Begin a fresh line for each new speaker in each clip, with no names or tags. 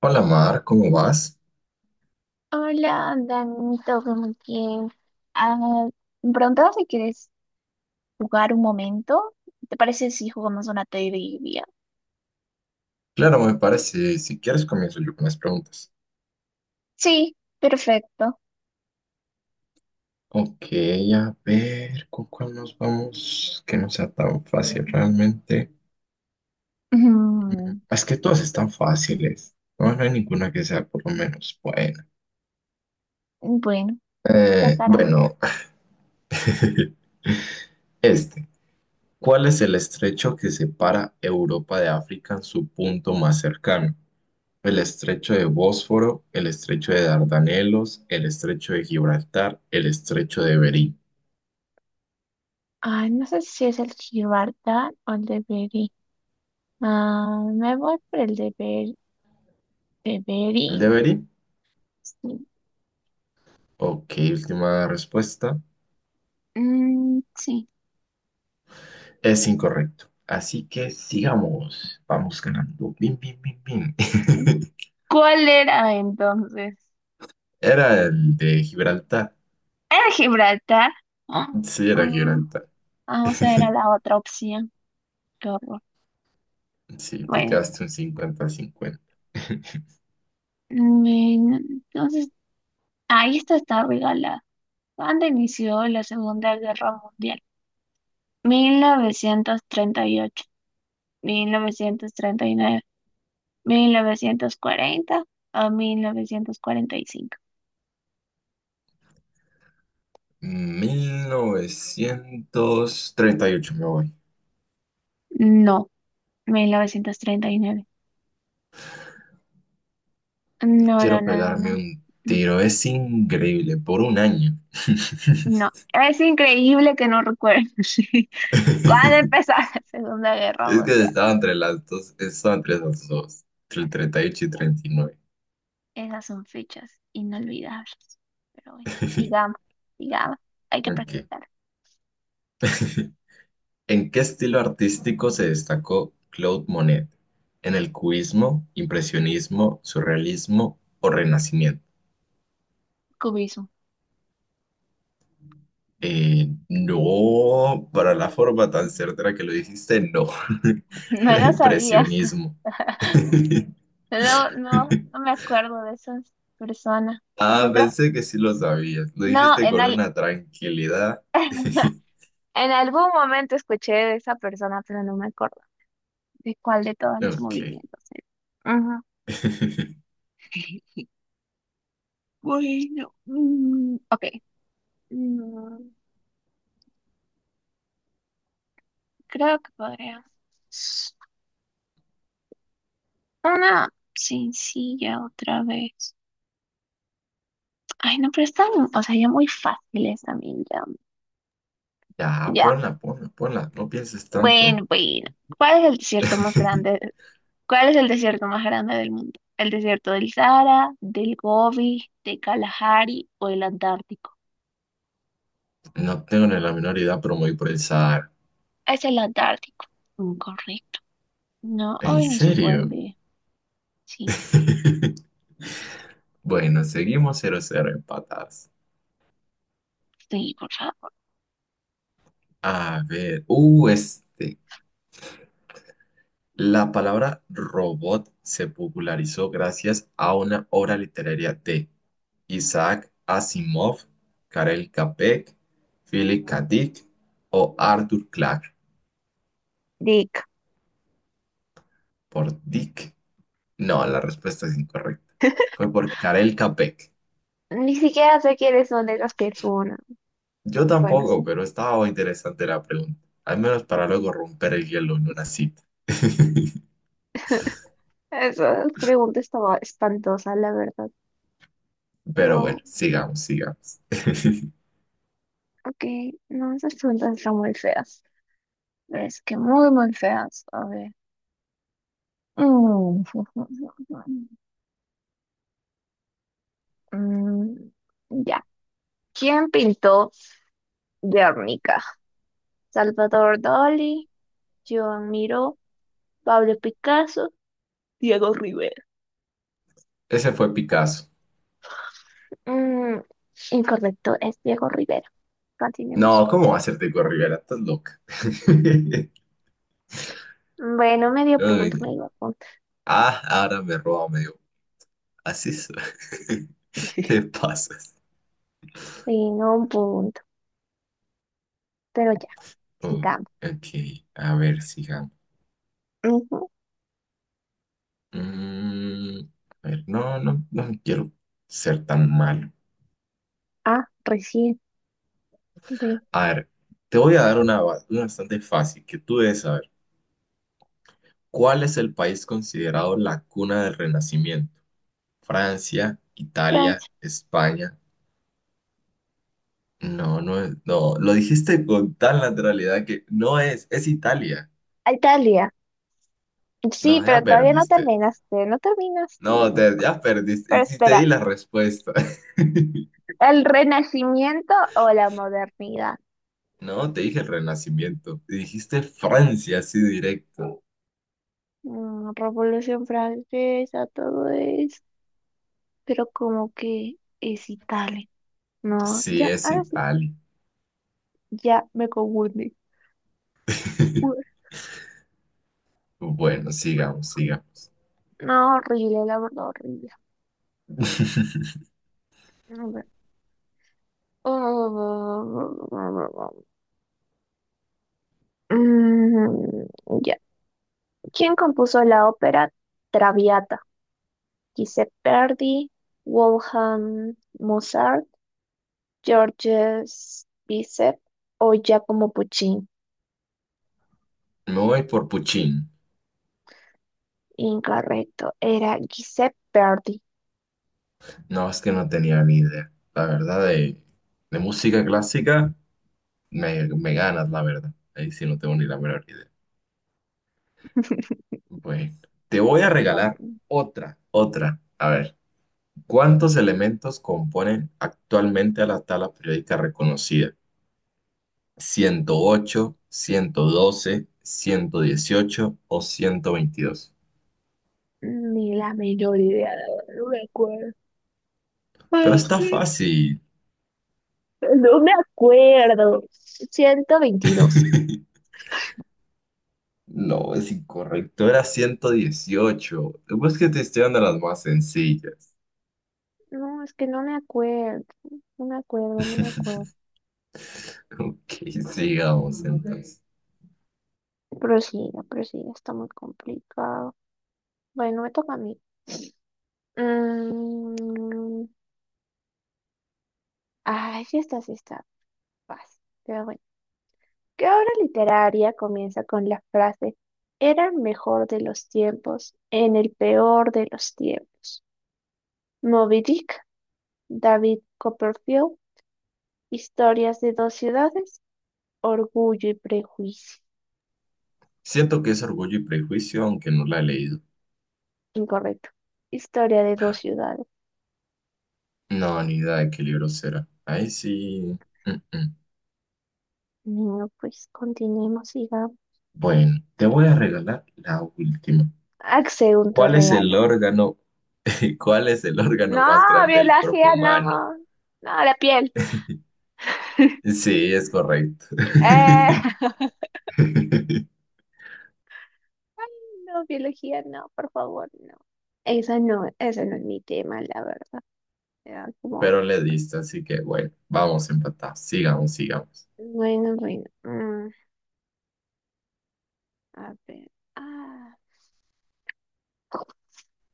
Hola Mar, ¿cómo vas?
Hola, Dani, todo muy bien. Ah, me preguntaba si quieres jugar un momento. ¿Te parece si jugamos una trivia?
Claro, me parece, si quieres comienzo yo con las preguntas.
Sí, perfecto.
Ok, a ver, ¿con cuál nos vamos? Que no sea tan fácil realmente.
Mm,
Es que todas están fáciles, no, no hay ninguna que sea por lo menos buena.
bueno, Tacarana.
Bueno, este. ¿Cuál es el estrecho que separa Europa de África en su punto más cercano? El estrecho de Bósforo, el estrecho de Dardanelos, el estrecho de Gibraltar, el estrecho de Bering.
Ah, no sé si es el Gibraltar o el de Beri. Ah, me voy por el de Beri. De
¿El
Beri.
deberí?
Sí.
Ok, última respuesta.
Mm, sí.
Es incorrecto. Así que sigamos. Vamos ganando. Bim, bim, bim, bim.
¿Cuál era entonces?
Era el de Gibraltar.
¿Era Gibraltar? Ah,
Sí, era
ah,
Gibraltar.
ah, o sea, era la otra opción.
Sí, te
Bueno,
quedaste un cincuenta cincuenta a cincuenta.
mm, entonces, ahí esta está regalada. ¿Cuándo inició la Segunda Guerra Mundial? Mil novecientos treinta y ocho, 1939, 1940, o 1945.
1938, me voy.
No, 1939. No, no,
Quiero
no, no,
pegarme
no.
un tiro. Es increíble. Por un año.
No, es increíble que no recuerdes. ¿Cuándo empezó la Segunda Guerra
Es que
Mundial?
estaba entre las dos, estaba entre las dos, entre el 38 y
Esas son fechas inolvidables. Pero bueno,
39.
sigamos, sigamos. Hay que
Ok.
practicar.
¿En qué estilo artístico se destacó Claude Monet? ¿En el cubismo, impresionismo, surrealismo o renacimiento?
Cubismo.
No, para la forma tan certera que lo dijiste, no.
No
Era
lo sabías.
impresionismo.
No, no, no me acuerdo de esas personas. O sea,
Ah,
creo,
pensé que sí lo sabías. Lo
no,
dijiste con una tranquilidad.
en algún momento escuché de esa persona, pero no me acuerdo de cuál de todos los
Ok.
movimientos era. Ajá. Bueno, mm, ok. Mm, Creo que podría. Una sencilla otra vez. Ay, no, pero están, o sea, ya muy fáciles también, ya.
Ya,
Ya.
ponla, ponla, ponla, no pienses tanto.
Bueno, bueno. ¿Cuál es el desierto más grande? ¿Cuál es el desierto más grande del mundo? ¿El desierto del Sahara, del Gobi, de Kalahari o el Antártico?
No tengo ni la menor idea, pero me voy por el Sahara.
Es el Antártico. Incorrecto. No,
¿En
hoy no es un buen
serio?
día. Sí,
Bueno, seguimos cero cero empatadas.
sí, por favor.
A ver, este. La palabra robot se popularizó gracias a una obra literaria de Isaac Asimov, Karel Capek, Philip K. Dick o Arthur Clarke,
Dick.
por Dick. No, la respuesta es incorrecta. Fue por Karel Capek.
Ni siquiera sé quiénes son esas personas.
Yo
Bueno,
tampoco,
sí.
pero estaba muy interesante la pregunta. Al menos para luego romper el hielo en una cita.
Esa pregunta estaba espantosa, la verdad.
Pero bueno,
No,
sigamos, sigamos.
ok. No, esas preguntas están muy feas. Es que muy, muy feas. A ver. Mm, mm, ya. ¿Quién pintó Guernica? Salvador Dalí, Joan Miró, Pablo Picasso, Diego Rivera.
Ese fue Picasso.
Mm, Incorrecto, es Diego Rivera. Continuemos.
No, ¿cómo va a ser Diego Rivera? Estás loca.
Bueno, medio
No, no,
punto,
no.
medio punto.
Ah, ahora me roba medio. Así es. Te pasas.
Sí, no un punto. Pero ya,
Oh,
sigamos.
ok, a ver, sigamos.
Ujú.
Mm, a ver, no, no, no quiero ser tan malo.
Ah, recién. B.
A ver, te voy a dar una, una bastante fácil que tú debes saber. ¿Cuál es el país considerado la cuna del Renacimiento? Francia, Italia,
Francia.
España. No, no es, no, lo dijiste con tal naturalidad que no es, es Italia.
Italia.
No,
Sí, pero
ya
todavía no
perdiste.
terminaste, no terminaste.
No, ya perdiste.
Pero
Sí, te di
espera,
la respuesta.
¿el Renacimiento o la modernidad?
No, te dije el Renacimiento. Dijiste
Y,
Francia, así directo.
Revolución Francesa, todo eso, pero como que es Italia. No,
Sí,
ya,
es
ahora sí,
Italia.
ya me confundí. Ue.
Bueno, sigamos, sigamos.
No, horrible, la verdad, horrible. A ver. Mm, ya. ¿Quién compuso la ópera Traviata? Giuseppe Verdi, Wolfgang Mozart. Georges Bizet o Giacomo Puccini.
Me voy por Puccini.
Incorrecto, era Giuseppe Verdi.
No, es que no tenía ni idea. La verdad, de música clásica me ganas, la verdad. Ahí sí no tengo ni la menor idea. Pues te voy a regalar
Continúo.
otra, otra. A ver, ¿cuántos elementos componen actualmente a la tabla periódica reconocida? Ciento ocho, ciento doce, ciento dieciocho o 122.
Ni la menor idea, la verdad, no me acuerdo.
Pero
Ay,
está
sí.
fácil.
No me acuerdo. 122.
No, es incorrecto, era 118. Pues que te estoy dando las más sencillas.
No, es que no me acuerdo. No me acuerdo, no me acuerdo.
Ok, sigamos entonces.
Prosiga, prosiga, está muy complicado. Bueno, me toca a mí. Mm, ay, sí está fácil. Pero bueno. ¿Qué obra literaria comienza con la frase "Era el mejor de los tiempos, en el peor de los tiempos"? Moby Dick, David Copperfield, Historias de dos ciudades, Orgullo y Prejuicio.
Siento que es Orgullo y Prejuicio, aunque no la he leído.
Incorrecto. Historia de dos ciudades.
No, ni idea de qué libro será. Ahí sí. mm, mm.
No, pues continuemos, sigamos.
Bueno, te voy a regalar la última.
Axel, un te
¿Cuál es el
regala.
cuál es el órgano
No,
más grande del cuerpo
biología,
humano?
no. No, la piel.
Sí, es correcto.
Eh, No, biología, no, por favor, no. Esa no, ese no es mi tema, la verdad. Era como,
Pero le diste, así que bueno, vamos empatados. Sigamos, sigamos.
bueno, bueno, a ver. Ah,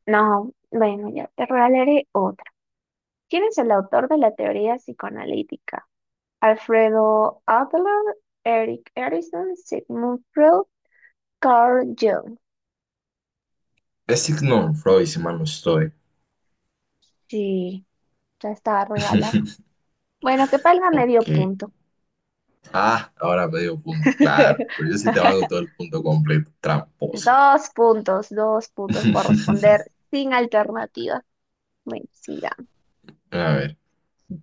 no, bueno, ya te regalaré otra. ¿Quién es el autor de la teoría psicoanalítica? Alfredo Adler, Eric Erikson, Sigmund Freud, Carl Jung.
Es Sigmund Freud, si mal no estoy.
Sí, ya estaba regalado. Bueno, que palga
Ok.
medio punto.
Ah, ahora medio punto. Claro, pero yo sí te hago todo el punto completo. Tramposa.
Dos puntos por responder sin alternativa. Mentira.
A ver,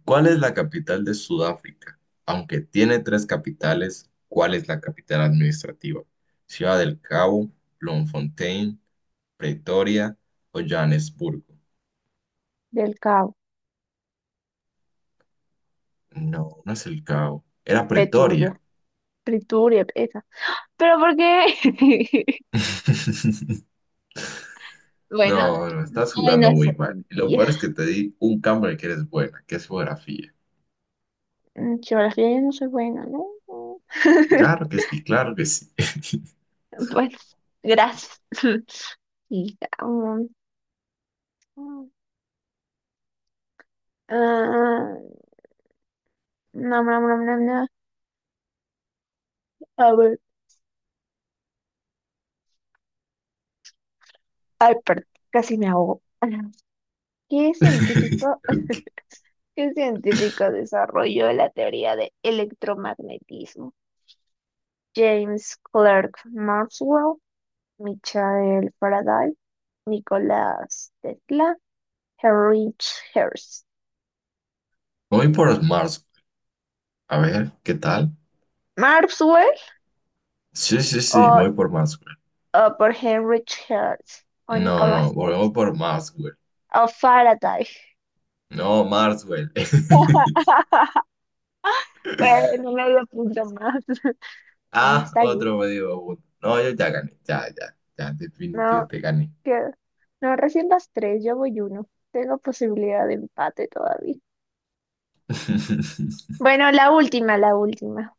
¿cuál es la capital de Sudáfrica? Aunque tiene tres capitales, ¿cuál es la capital administrativa? Ciudad del Cabo, Bloemfontein, Pretoria o Johannesburgo.
Del Cabo.
No, no es el Cabo. Era
Peturbia,
Pretoria.
Priturbia, esa. Pero ¿por qué? Bueno,
No, no, estás
ay, no
jugando muy
sé.
mal. Y lo
Ya.
peor es que te di un cambio que eres buena, que es geografía.
En Geografía yo no soy buena, ¿no?
Claro que sí, claro que sí.
Pues, gracias. Sigamos. No, no, no, no, no. A ver. Ay, perdón, casi me ahogo. ¿Qué científico,
Ok.
qué científico desarrolló la teoría de electromagnetismo? James Clerk Maxwell, Michael Faraday, Nicolás Tesla, Heinrich Hertz.
Voy por Mars. A ver, ¿qué tal?
¿Maxwell
Sí, sí, sí,
o,
voy por Maxwell.
o por Heinrich Hertz o
No, no,
Nicolás
voy
Tesla?
voy por Maxwell.
O Faraday.
No, Maxwell.
Bueno, no me lo punto más. Me
Ah,
está bien.
otro me dio punto. No, yo ya gané, ya, ya, ya, definitivo
No,
te gané.
que- No, recién las tres, yo voy uno. Tengo posibilidad de empate todavía. Bueno, la última, la última.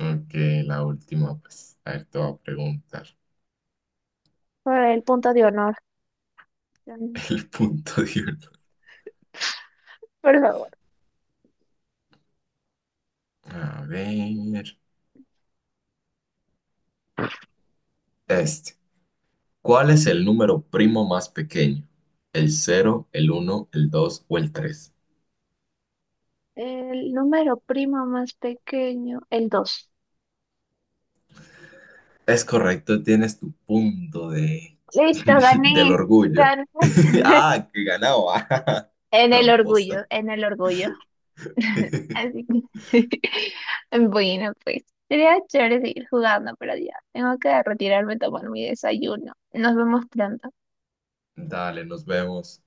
Ok, la última, pues, a ver, te voy a preguntar
Por el punto de honor.
el punto de uno.
Por favor.
A ver, este. ¿Cuál es el número primo más pequeño? ¿El cero, el uno, el dos o el tres?
El número primo más pequeño, el dos.
Es correcto, tienes tu punto de
Listo,
del
gané,
orgullo.
gané.
Ah, que ganaba.
En el orgullo,
Tramposa.
en el orgullo. Así que, bueno, pues sería chévere seguir jugando, pero ya tengo que retirarme a tomar mi desayuno. Nos vemos pronto.
Dale, nos vemos.